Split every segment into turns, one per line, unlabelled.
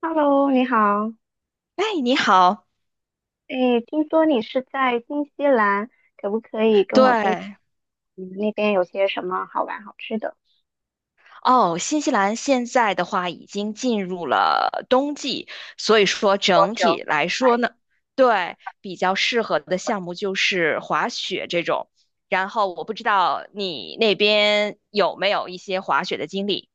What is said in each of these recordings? Hello，你好。
哎，你好，
哎，听说你是在新西兰，可不可以跟我推荐
对，
你们那边有些什么好玩好吃的？
哦，新西兰现在的话已经进入了冬季，所以说
多
整
久？
体来说呢，对，比较适合的项目就是滑雪这种。然后我不知道你那边有没有一些滑雪的经历，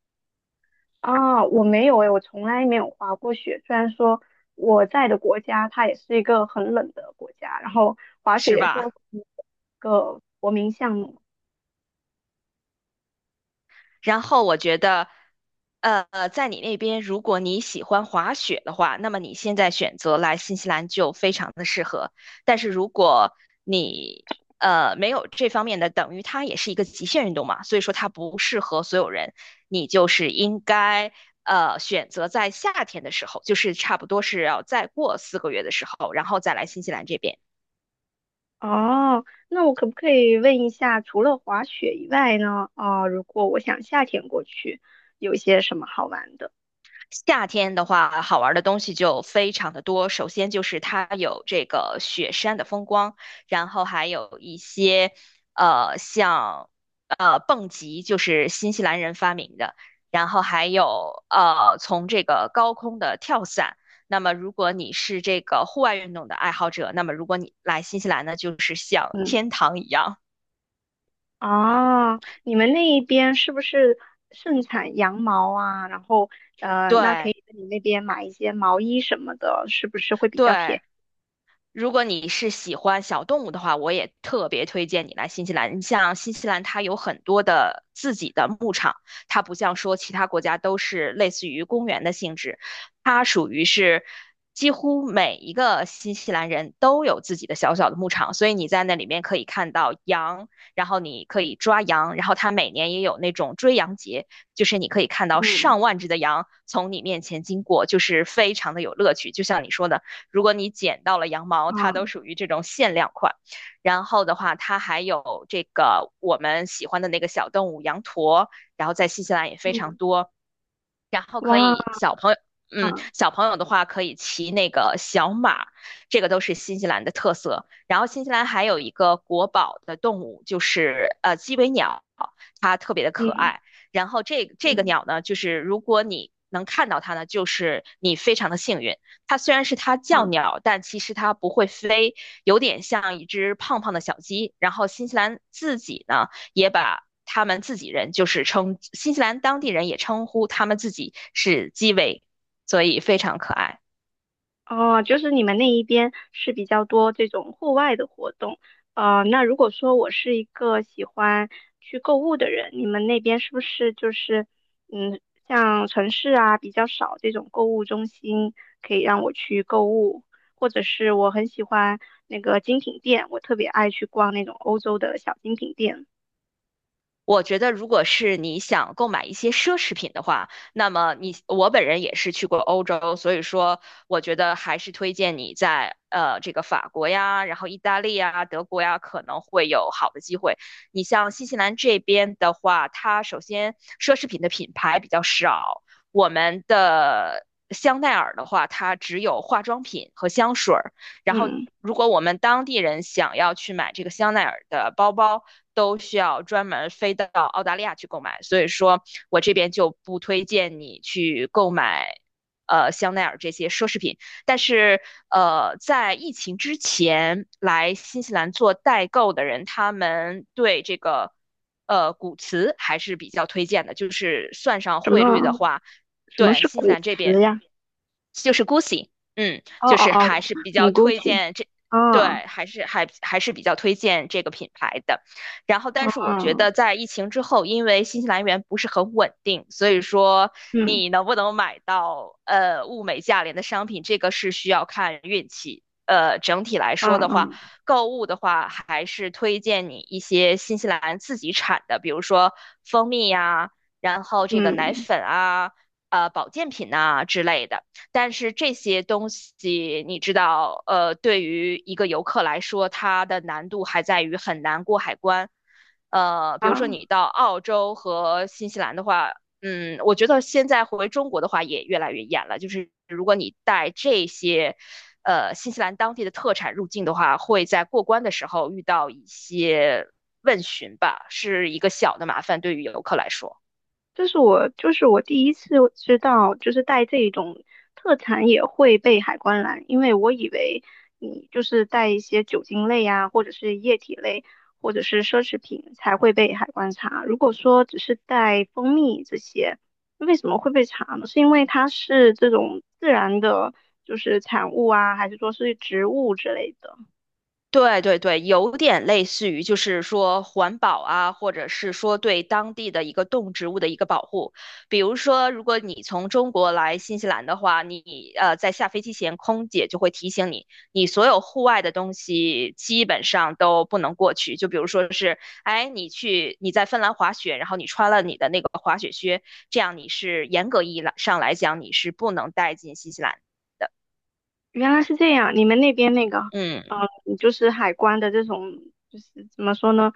啊，我没有诶，我从来没有滑过雪。虽然说我在的国家它也是一个很冷的国家，然后滑雪
是
也算是
吧？
一个国民项目。
然后我觉得，在你那边，如果你喜欢滑雪的话，那么你现在选择来新西兰就非常的适合。但是如果你没有这方面的，等于它也是一个极限运动嘛，所以说它不适合所有人。你就是应该选择在夏天的时候，就是差不多是要再过四个月的时候，然后再来新西兰这边。
哦，那我可不可以问一下，除了滑雪以外呢？啊，如果我想夏天过去，有些什么好玩的？
夏天的话，好玩的东西就非常的多。首先就是它有这个雪山的风光，然后还有一些像蹦极，就是新西兰人发明的，然后还有从这个高空的跳伞。那么如果你是这个户外运动的爱好者，那么如果你来新西兰呢，就是像
嗯。
天堂一样。
哦，你们那一边是不是盛产羊毛啊？然后，那可
对
以在你那边买一些毛衣什么的，是不是会比较便
对，
宜？
如果你是喜欢小动物的话，我也特别推荐你来新西兰。你像新西兰，它有很多的自己的牧场，它不像说其他国家都是类似于公园的性质，它属于是几乎每一个新西兰人都有自己的小小的牧场，所以你在那里面可以看到羊，然后你可以抓羊，然后它每年也有那种追羊节，就是你可以看到
嗯
上万只的羊从你面前经过，就是非常的有乐趣。就像你说的。如果你捡到了羊毛，它都
嗯
属于这种限量款。然后的话，它还有这个我们喜欢的那个小动物羊驼，然后在新西兰也非常
嗯，
多。然后可
哇，
以小朋友，嗯，小朋友的话可以骑那个小马，这个都是新西兰的特色。然后新西兰还有一个国宝的动物，就是鸡尾鸟，它特别的可
嗯
爱。然后这个
嗯
鸟呢，就是如果你能看到它呢，就是你非常的幸运。它虽然是它叫
啊。
鸟，但其实它不会飞，有点像一只胖胖的小鸡。然后新西兰自己呢。也把他们自己人，就是称新西兰当地人也称呼他们自己是基围，所以非常可爱。
哦，就是你们那一边是比较多这种户外的活动。那如果说我是一个喜欢去购物的人，你们那边是不是就是，嗯，像城市啊比较少这种购物中心可以让我去购物，或者是我很喜欢那个精品店，我特别爱去逛那种欧洲的小精品店。
我觉得，如果是你想购买一些奢侈品的话，那么你我本人也是去过欧洲，所以说我觉得还是推荐你在这个法国呀，然后意大利呀、德国呀，可能会有好的机会。你像新西兰这边的话，它首先奢侈品的品牌比较少，我们的香奈儿的话，它只有化妆品和香水儿。然后，
嗯，
如果我们当地人想要去买这个香奈儿的包包，都需要专门飞到澳大利亚去购买。所以说我这边就不推荐你去购买，香奈儿这些奢侈品。但是，在疫情之前来新西兰做代购的人，他们对这个。古瓷还是比较推荐的，就是算上
什
汇率
么
的话，
什么
对
是
新西
古
兰这
驰
边
呀？
就是 Gucci，嗯，
哦
就
哦
是
哦，
还是比
嗯，
较
g u
推
c c
荐这，对，还是比较推荐这个品牌的。然后，但是我觉
嗯
得在疫情之后，因为新西兰元不是很稳定，所以说
嗯
你能不能买到物美价廉的商品，这个是需要看运气。整体来说
嗯
的话，
嗯。
购物的话还是推荐你一些新西兰自己产的，比如说蜂蜜呀，然后这个奶
嗯
粉啊。保健品呐、之类的。但是这些东西你知道，对于一个游客来说，它的难度还在于很难过海关。比如说
啊，
你到澳洲和新西兰的话，嗯，我觉得现在回中国的话也越来越严了。就是如果你带这些，新西兰当地的特产入境的话，会在过关的时候遇到一些问询吧，是一个小的麻烦，对于游客来说。
这是我就是我第一次知道，就是带这种特产也会被海关拦，因为我以为你就是带一些酒精类啊，或者是液体类，或者是奢侈品才会被海关查。如果说只是带蜂蜜这些，为什么会被查呢？是因为它是这种自然的，就是产物啊，还是说是植物之类的？
对对对，有点类似于就是说环保啊，或者是说对当地的一个动植物的一个保护。比如说，如果你从中国来新西兰的话，你在下飞机前，空姐就会提醒你，你所有户外的东西基本上都不能过去。就比如说是，哎，你在芬兰滑雪，然后你穿了你的那个滑雪靴，这样你是严格意义上来讲你是不能带进新西兰的。
原来是这样，你们那边那个，
嗯，
嗯，就是海关的这种，就是怎么说呢，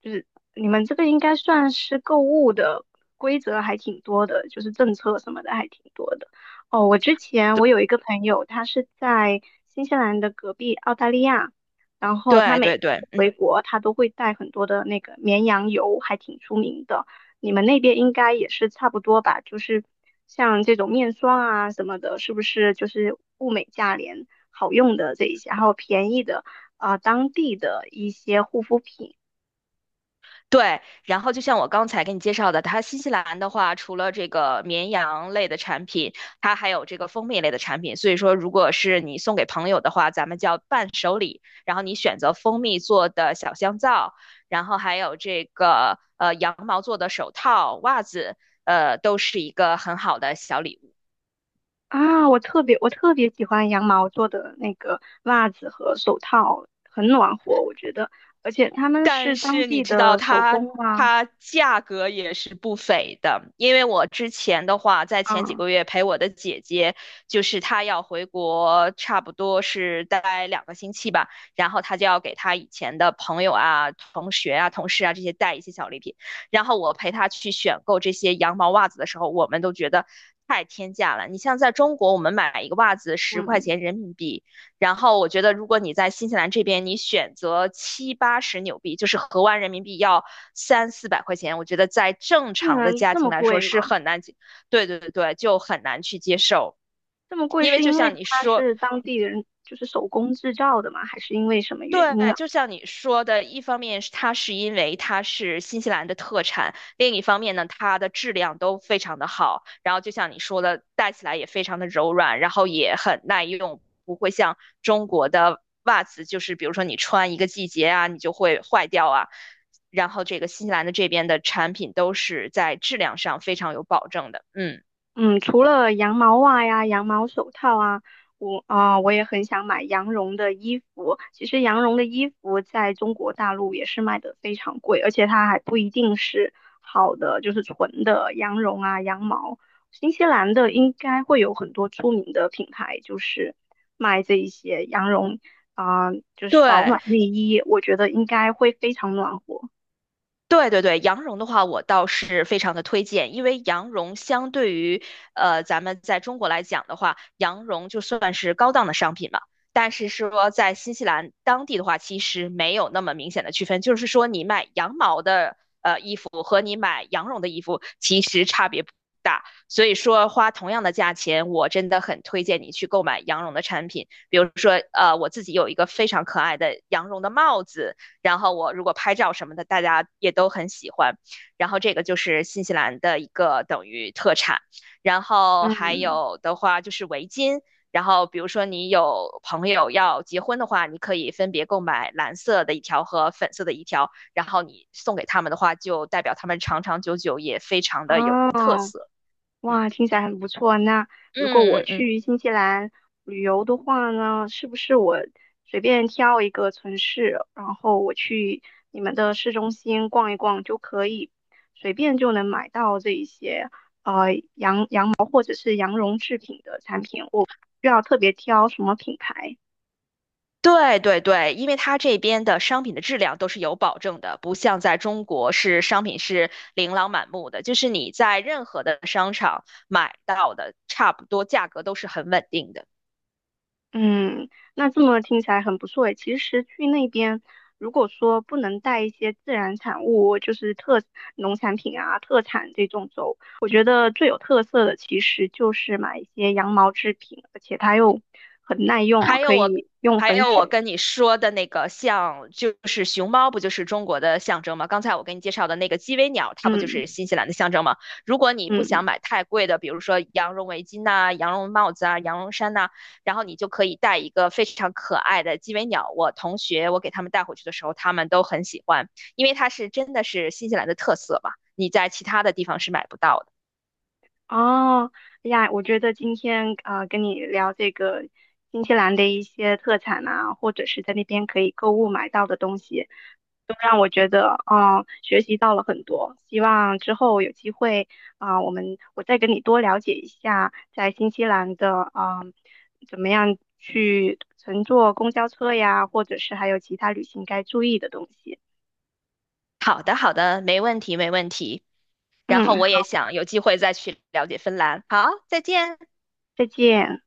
就是你们这个应该算是购物的规则还挺多的，就是政策什么的还挺多的。哦，我之前我有一个朋友，他是在新西兰的隔壁澳大利亚，然后他
对
每
对
次
对对。
回国他都会带很多的那个绵羊油，还挺出名的。你们那边应该也是差不多吧？就是像这种面霜啊什么的，是不是就是物美价廉、好用的这一些，还有便宜的啊、当地的一些护肤品
对，然后就像我刚才给你介绍的，它新西兰的话，除了这个绵羊类的产品，它还有这个蜂蜜类的产品。所以说，如果是你送给朋友的话，咱们叫伴手礼。然后你选择蜂蜜做的小香皂，然后还有这个羊毛做的手套、袜子，都是一个很好的小礼物。
啊？我特别喜欢羊毛做的那个袜子和手套，很暖和，我觉得，而且他们是
但
当
是你
地
知道
的手
它
工吗？
它价格也是不菲的，因为我之前的话，在前几
啊
个月陪我的姐姐，就是她要回国，差不多是待两个星期吧，然后她就要给她以前的朋友啊、同学啊、同事啊这些带一些小礼品，然后我陪她去选购这些羊毛袜子的时候，我们都觉得。太天价了！你像在中国，我们买一个袜子十块
嗯，
钱人民币，然后我觉得，如果你在新西兰这边，你选择七八十纽币，就是合完人民币要三四百块钱，我觉得在正
竟
常
然
的家
这
庭
么
来说
贵
是
吗？
很难对对对对，就很难去接受。
这么贵
因为
是
就
因为
像你
它
说，
是当地人就是手工制造的吗？还是因为什么原
对，
因啊？
就像你说的，一方面是它是因为它是新西兰的特产，另一方面呢，它的质量都非常的好，然后就像你说的，戴起来也非常的柔软，然后也很耐用，不会像中国的袜子，就是比如说你穿一个季节啊，你就会坏掉啊。然后这个新西兰的这边的产品都是在质量上非常有保证的，嗯，
嗯，除了羊毛袜呀、羊毛手套啊，我也很想买羊绒的衣服。其实羊绒的衣服在中国大陆也是卖的非常贵，而且它还不一定是好的，就是纯的羊绒啊、羊毛。新西兰的应该会有很多出名的品牌，就是卖这一些羊绒啊、就是保
对。
暖内衣，我觉得应该会非常暖和。
对对对，羊绒的话，我倒是非常的推荐，因为羊绒相对于咱们在中国来讲的话，羊绒就算是高档的商品嘛。但是说在新西兰当地的话，其实没有那么明显的区分，就是说你买羊毛的衣服和你买羊绒的衣服其实差别不大。所以说花同样的价钱，我真的很推荐你去购买羊绒的产品，比如说我自己有一个非常可爱的羊绒的帽子。然后我如果拍照什么的，大家也都很喜欢。然后这个就是新西兰的一个等于特产，然后还
嗯，
有的话就是围巾。然后，比如说你有朋友要结婚的话，你可以分别购买蓝色的一条和粉色的一条，然后你送给他们的话，就代表他们长长久久，也非常的有特
哦，
色。嗯
哇，听起来很不错。那如果
嗯
我
嗯嗯。嗯
去新西兰旅游的话呢，是不是我随便挑一个城市，然后我去你们的市中心逛一逛就可以，随便就能买到这一些羊毛或者是羊绒制品的产品，我不需要特别挑什么品牌。
对对对，因为它这边的商品的质量都是有保证的，不像在中国是商品是琳琅满目的，就是你在任何的商场买到的，差不多价格都是很稳定的。
嗯，那这么听起来很不错诶。其实去那边，如果说不能带一些自然产物，就是农产品啊、特产这种走，我觉得最有特色的其实就是买一些羊毛制品，而且它又很耐用哦，
还
可
有我，
以用
还
很
有
久。
我跟你说的那个像，就是熊猫，不就是中国的象征吗？刚才我给你介绍的那个鸡尾鸟，它不就
嗯
是新西兰的象征吗？如果你不想
嗯，
买太贵的，比如说羊绒围巾呐、羊绒帽子啊、羊绒衫呐、然后你就可以带一个非常可爱的鸡尾鸟。我同学，我给他们带回去的时候，他们都很喜欢，因为它是真的是新西兰的特色嘛，你在其他的地方是买不到的。
哦，哎呀，我觉得今天啊、跟你聊这个新西兰的一些特产啊，或者是在那边可以购物买到的东西。我觉得，嗯，学习到了很多，希望之后有机会啊、我再跟你多了解一下在新西兰的，嗯，怎么样去乘坐公交车呀，或者是还有其他旅行该注意的东西。
好的，好的，没问题，没问题。然后
嗯，
我也想有机会再去了解芬兰。好，再见。
再见。